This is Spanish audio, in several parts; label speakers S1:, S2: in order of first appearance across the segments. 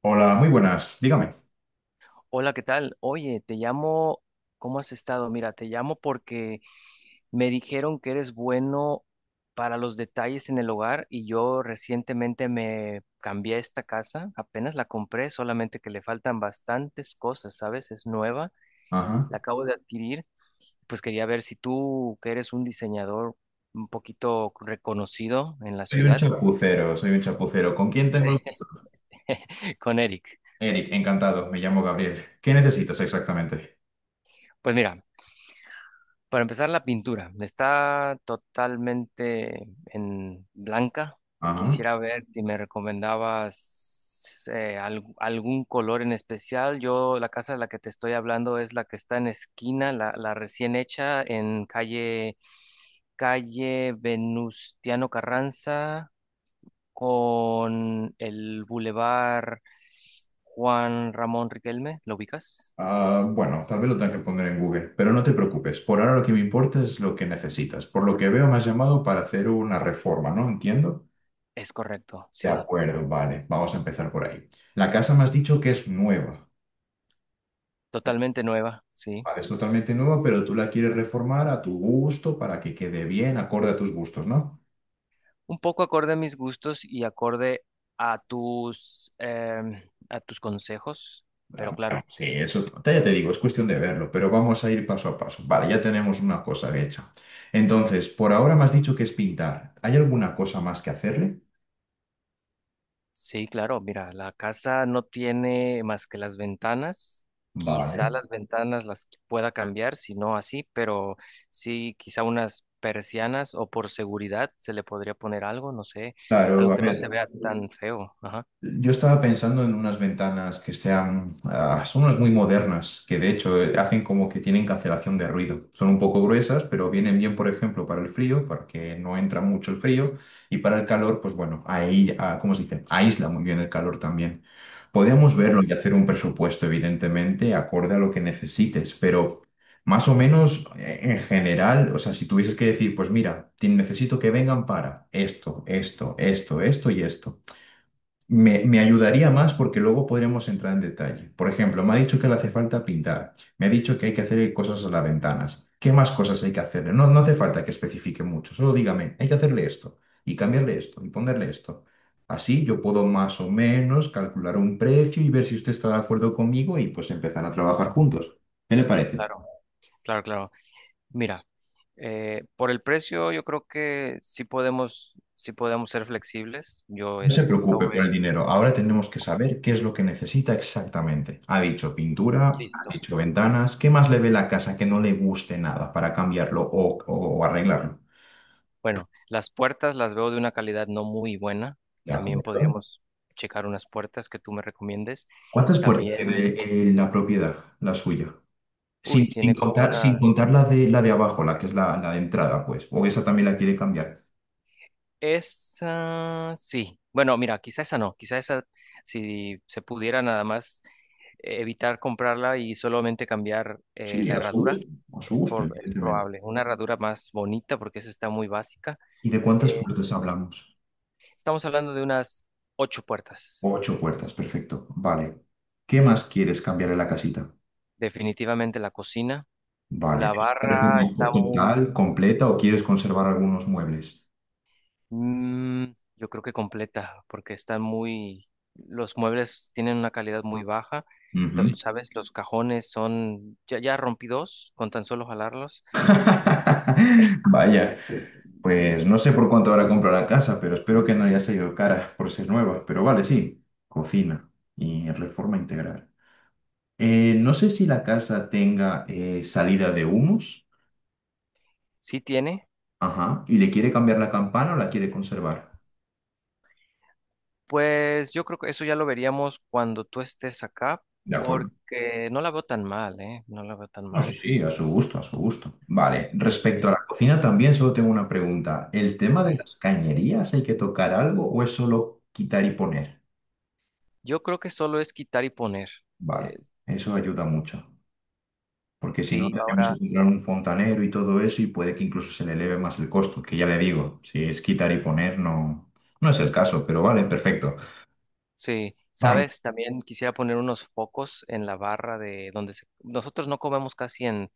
S1: Hola, muy buenas. Dígame.
S2: Hola, ¿qué tal? Oye, te llamo, ¿cómo has estado? Mira, te llamo porque me dijeron que eres bueno para los detalles en el hogar y yo recientemente me cambié a esta casa, apenas la compré, solamente que le faltan bastantes cosas, ¿sabes? Es nueva,
S1: Ajá.
S2: la acabo de adquirir, pues quería ver si tú, que eres un diseñador un poquito reconocido en la
S1: Soy un
S2: ciudad,
S1: chapucero, soy un chapucero. ¿Con quién tengo el gusto?
S2: con Eric.
S1: Eric, encantado. Me llamo Gabriel. ¿Qué necesitas exactamente?
S2: Pues mira. Para empezar, la pintura está totalmente en blanca.
S1: Ajá.
S2: Quisiera ver si me recomendabas algún color en especial. Yo, la casa de la que te estoy hablando es la que está en esquina, la recién hecha en calle Venustiano Carranza con el bulevar Juan Ramón Riquelme. ¿Lo ubicas?
S1: Ah, bueno, tal vez lo tenga que poner en Google, pero no te preocupes. Por ahora lo que me importa es lo que necesitas. Por lo que veo, me has llamado para hacer una reforma, ¿no? Entiendo.
S2: Es correcto,
S1: De
S2: sí.
S1: acuerdo, vale. Vamos a empezar por ahí. La casa me has dicho que es nueva.
S2: Totalmente nueva, sí.
S1: Vale, es totalmente nueva, pero tú la quieres reformar a tu gusto para que quede bien, acorde a tus gustos, ¿no?
S2: Un poco acorde a mis gustos y acorde a tus, a tus consejos, pero
S1: Ah, ah,
S2: claro,
S1: sí, eso ya te digo, es cuestión de verlo, pero vamos a ir paso a paso. Vale, ya tenemos una cosa hecha. Entonces, por ahora me has dicho que es pintar. ¿Hay alguna cosa más que hacerle?
S2: sí, claro, mira, la casa no tiene más que las ventanas. Quizá
S1: Vale.
S2: las ventanas las pueda cambiar, si no así, pero sí, quizá unas persianas o por seguridad se le podría poner algo, no sé,
S1: Claro,
S2: algo
S1: a
S2: que no se
S1: ver.
S2: vea tan feo. Ajá.
S1: Yo estaba pensando en unas ventanas que sean, ah, son unas muy modernas, que de hecho hacen como que tienen cancelación de ruido. Son un poco gruesas, pero vienen bien, por ejemplo, para el frío, porque no entra mucho el frío, y para el calor, pues bueno, ahí, ah, ¿cómo se dice? Aísla muy bien el calor también. Podríamos verlo
S2: Wow.
S1: y hacer un presupuesto, evidentemente, acorde a lo que necesites, pero más o menos en general, o sea, si tuvieses que decir, pues mira, necesito que vengan para esto, esto, esto, esto y esto. Me ayudaría más porque luego podríamos entrar en detalle. Por ejemplo, me ha dicho que le hace falta pintar, me ha dicho que hay que hacer cosas a las ventanas. ¿Qué más cosas hay que hacerle? No, no hace falta que especifique mucho, solo dígame, hay que hacerle esto y cambiarle esto y ponerle esto. Así yo puedo más o menos calcular un precio y ver si usted está de acuerdo conmigo y pues empezar a trabajar juntos. ¿Qué le parece?
S2: Claro, claro, claro. Mira, por el precio yo creo que sí podemos ser flexibles. Yo
S1: No se preocupe por
S2: estuve
S1: el dinero. Ahora tenemos que saber qué es lo que necesita exactamente. Ha dicho pintura, ha
S2: listo.
S1: dicho ventanas. ¿Qué más le ve la casa que no le guste nada para cambiarlo o, o arreglarlo?
S2: Bueno, las puertas las veo de una calidad no muy buena.
S1: De
S2: También
S1: acuerdo.
S2: podríamos checar unas puertas que tú me recomiendes.
S1: ¿Cuántas puertas
S2: También,
S1: tiene la propiedad, la suya?
S2: uy,
S1: Sin
S2: tiene como
S1: contar, sin
S2: una.
S1: contar la de abajo, la que es la, la de entrada, pues. O esa también la quiere cambiar.
S2: Esa sí. Bueno, mira, quizá esa no. Quizá esa, si se pudiera nada más evitar comprarla y solamente cambiar
S1: Sí,
S2: la herradura,
S1: a su
S2: es,
S1: gusto,
S2: por, es
S1: evidentemente.
S2: probable. Una herradura más bonita porque esa está muy básica.
S1: ¿Y de cuántas
S2: Eh,
S1: puertas hablamos?
S2: estamos hablando de unas ocho puertas.
S1: 8 puertas, perfecto. Vale. ¿Qué más quieres cambiar en la casita?
S2: Definitivamente la cocina.
S1: Vale.
S2: La
S1: ¿Te parece
S2: barra
S1: una
S2: está
S1: foto
S2: muy...
S1: total, completa o quieres conservar algunos muebles?
S2: Mm, yo creo que completa, porque están muy, los muebles tienen una calidad muy baja. Lo-
S1: Ujú.
S2: sabes, los cajones son, ya rompí dos con tan solo jalarlos.
S1: Vaya, pues no sé por cuánto ahora comprado la casa, pero espero que no haya salido cara por ser nueva. Pero vale, sí, cocina y reforma integral. No sé si la casa tenga salida de humos,
S2: Sí tiene.
S1: ajá, y le quiere cambiar la campana o la quiere conservar.
S2: Pues yo creo que eso ya lo veríamos cuando tú estés acá,
S1: De acuerdo.
S2: porque no la veo tan mal, ¿eh? No la veo tan
S1: No, sí,
S2: mal.
S1: sí, a su gusto, a su gusto. Vale, respecto a
S2: Sí,
S1: la cocina también solo tengo una pregunta. ¿El
S2: a
S1: tema de
S2: ver.
S1: las cañerías hay que tocar algo o es solo quitar y poner?
S2: Yo creo que solo es quitar y poner. Eh,
S1: Vale, eso ayuda mucho, porque si no
S2: sí,
S1: tendríamos que
S2: ahora.
S1: comprar un fontanero y todo eso y puede que incluso se le eleve más el costo, que ya le digo, si es quitar y poner no, no es el caso, pero vale, perfecto.
S2: Sí,
S1: Vale,
S2: sabes, también quisiera poner unos focos en la barra de donde se- nosotros no comemos casi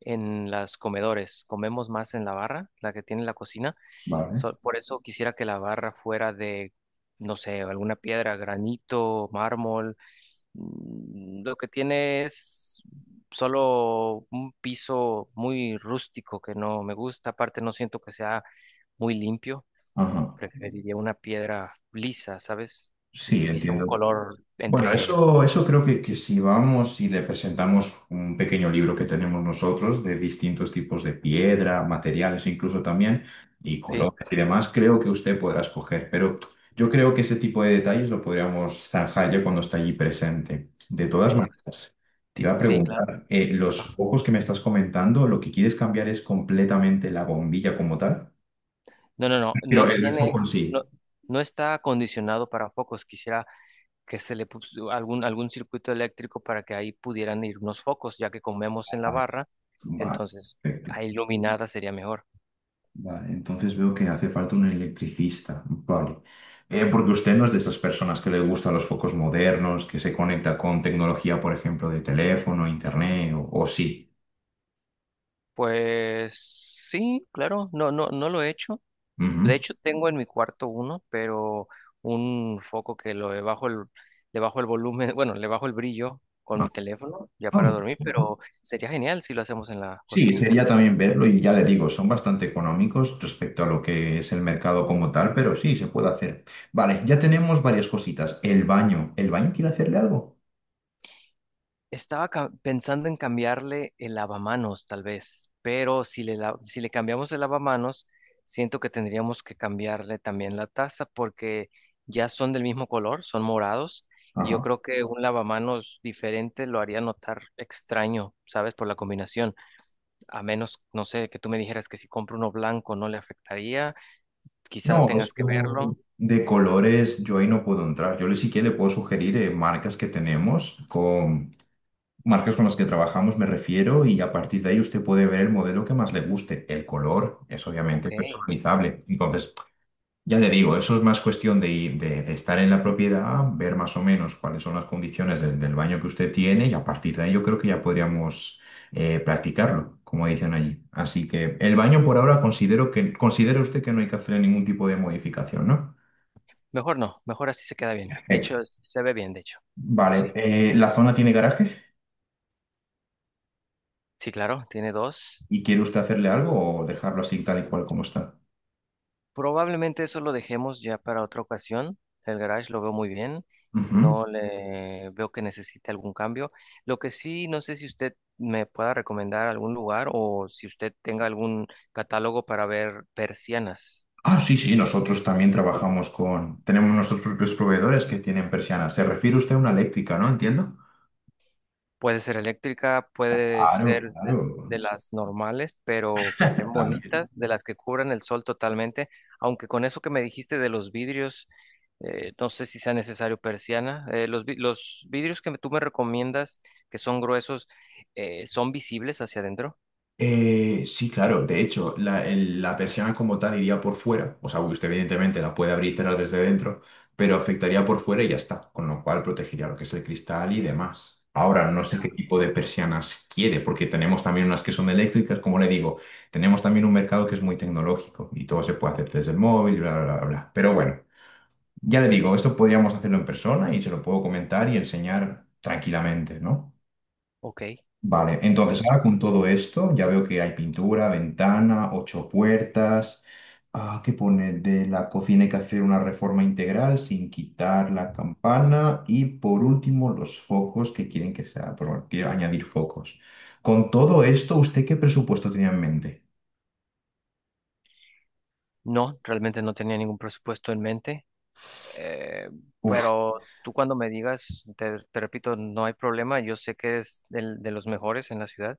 S2: en las comedores, comemos más en la barra, la que tiene la cocina.
S1: vale.
S2: So- por eso quisiera que la barra fuera de, no sé, alguna piedra, granito, mármol. Lo que tiene es solo un piso muy rústico que no me gusta. Aparte, no siento que sea muy limpio.
S1: Ajá.
S2: Preferiría una piedra lisa, ¿sabes?
S1: Sí,
S2: Quizá un
S1: entiendo.
S2: color
S1: Bueno,
S2: entre...
S1: eso creo que si vamos y le presentamos un pequeño libro que tenemos nosotros de distintos tipos de piedra, materiales incluso también, y
S2: Sí,
S1: colores y demás, creo que usted podrá escoger. Pero yo creo que ese tipo de detalles lo podríamos zanjar ya cuando está allí presente. De todas
S2: sería...
S1: maneras, te iba a
S2: Sí, claro.
S1: preguntar,
S2: Ajá.
S1: los focos que me estás comentando, lo que quieres cambiar es completamente la bombilla como tal, pero
S2: No
S1: el foco en
S2: tiene... No,
S1: sí.
S2: no está acondicionado para focos. Quisiera que se le puso algún circuito eléctrico para que ahí pudieran ir unos focos, ya que comemos en la
S1: Vale.
S2: barra.
S1: Vale.
S2: Entonces, ahí iluminada sería mejor.
S1: Vale, entonces veo que hace falta un electricista. Vale. Porque usted no es de esas personas que le gustan los focos modernos, que se conecta con tecnología, por ejemplo, de teléfono, internet, o sí.
S2: Pues sí, claro, no, no, no lo he hecho. De
S1: Ujú.
S2: hecho, tengo en mi cuarto uno, pero un foco que lo le bajo el volumen, bueno, le bajo el brillo con mi
S1: Ah,
S2: teléfono ya
S1: ah,
S2: para dormir,
S1: interesante.
S2: pero sería genial si lo hacemos en la
S1: Sí,
S2: cocina.
S1: sería también verlo y ya le digo, son bastante económicos respecto a lo que es el mercado como tal, pero sí, se puede hacer. Vale, ya tenemos varias cositas. El baño. ¿El baño quiere hacerle algo?
S2: Estaba ca- pensando en cambiarle el lavamanos, tal vez, pero si le cambiamos el lavamanos, siento que tendríamos que cambiarle también la taza porque ya son del mismo color, son morados, y yo
S1: Ajá.
S2: creo que un lavamanos diferente lo haría notar extraño, ¿sabes? Por la combinación. A menos, no sé, que tú me dijeras que si compro uno blanco no le afectaría, quizá
S1: No,
S2: tengas que
S1: eso
S2: verlo.
S1: de colores yo ahí no puedo entrar. Yo le sí que le puedo sugerir marcas que tenemos, con marcas con las que trabajamos me refiero, y a partir de ahí usted puede ver el modelo que más le guste. El color es obviamente
S2: Ok.
S1: personalizable. Entonces, ya te digo, eso es más cuestión de, de estar en la propiedad, ver más o menos cuáles son las condiciones del, del baño que usted tiene y a partir de ahí yo creo que ya podríamos practicarlo, como dicen allí. Así que el baño por ahora considero que, considera usted que no hay que hacer ningún tipo de modificación, ¿no?
S2: Mejor no, mejor así se queda bien. De
S1: Perfecto.
S2: hecho, se ve bien, de hecho.
S1: Vale,
S2: Sí,
S1: ¿la zona tiene garaje?
S2: sí, claro, tiene dos.
S1: ¿Y quiere usted hacerle algo o dejarlo así tal y cual como está?
S2: Probablemente eso lo dejemos ya para otra ocasión. El garage lo veo muy bien.
S1: Ujú.
S2: No le veo que necesite algún cambio. Lo que sí, no sé si usted me pueda recomendar algún lugar o si usted tenga algún catálogo para ver persianas.
S1: Ah, sí, sí, nosotros también trabajamos con, tenemos nuestros propios proveedores que tienen persianas. Se refiere usted a una eléctrica, ¿no? Entiendo.
S2: Puede ser eléctrica, puede
S1: Claro,
S2: ser
S1: claro.
S2: de las normales, pero que estén
S1: También.
S2: bonitas, de las que cubran el sol totalmente. Aunque con eso que me dijiste de los vidrios, no sé si sea necesario persiana. Los vidrios que tú me recomiendas, que son gruesos, ¿son visibles hacia adentro?
S1: Sí, claro. De hecho, la, la persiana como tal iría por fuera. O sea, usted evidentemente la puede abrir y cerrar desde dentro, pero afectaría por fuera y ya está. Con lo cual protegería lo que es el cristal y demás. Ahora, no sé
S2: Ya.
S1: qué tipo de persianas quiere, porque tenemos también unas que son eléctricas, como le digo. Tenemos también un mercado que es muy tecnológico y todo se puede hacer desde el móvil, bla, bla, bla, bla. Pero bueno, ya le digo, esto podríamos hacerlo en persona y se lo puedo comentar y enseñar tranquilamente, ¿no?
S2: Ok.
S1: Vale,
S2: Oye,
S1: entonces ahora con todo esto ya veo que hay pintura, ventana, 8 puertas. Ah, ¿qué pone? De la cocina hay que hacer una reforma integral sin quitar la campana. Y por último, los focos que quieren que sea, pues bueno, quiero añadir focos. Con todo esto, ¿usted qué presupuesto tenía en mente?
S2: no, realmente no tenía ningún presupuesto en mente, eh, pero tú cuando me digas, te repito, no hay problema. Yo sé que es del- de los mejores en la ciudad.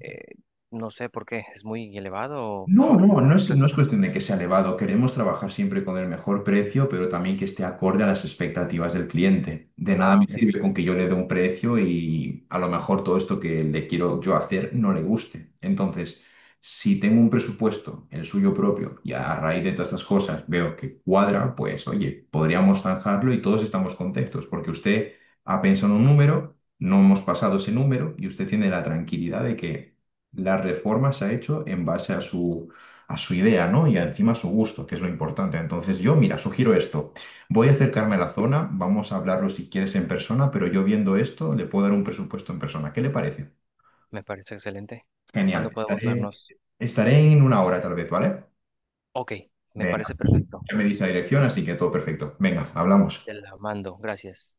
S2: Eh, no sé por qué, es muy elevado o,
S1: No,
S2: o
S1: no,
S2: por qué
S1: no es,
S2: estás...
S1: no es
S2: po-
S1: cuestión de que sea elevado. Queremos trabajar siempre con el mejor precio, pero también que esté acorde a las expectativas del cliente. De nada
S2: Ah,
S1: me
S2: ok,
S1: sirve con que yo le dé un precio y a lo mejor todo esto que le quiero yo hacer no le guste. Entonces, si tengo un presupuesto, el suyo propio, y a raíz de todas estas cosas veo que cuadra, pues oye, podríamos zanjarlo y todos estamos contentos, porque usted ha pensado en un número, no hemos pasado ese número y usted tiene la tranquilidad de que la reforma se ha hecho en base a su idea, ¿no? Y encima a su gusto, que es lo importante. Entonces yo, mira, sugiero esto. Voy a acercarme a la zona, vamos a hablarlo si quieres en persona, pero yo viendo esto le puedo dar un presupuesto en persona. ¿Qué le parece?
S2: me parece excelente.
S1: Genial.
S2: ¿Cuándo podemos vernos?
S1: Estaré en 1 hora tal vez, ¿vale?
S2: Ok, me
S1: Venga,
S2: parece perfecto.
S1: ya me dice la dirección, así que todo perfecto. Venga, hablamos.
S2: Te la mando, gracias.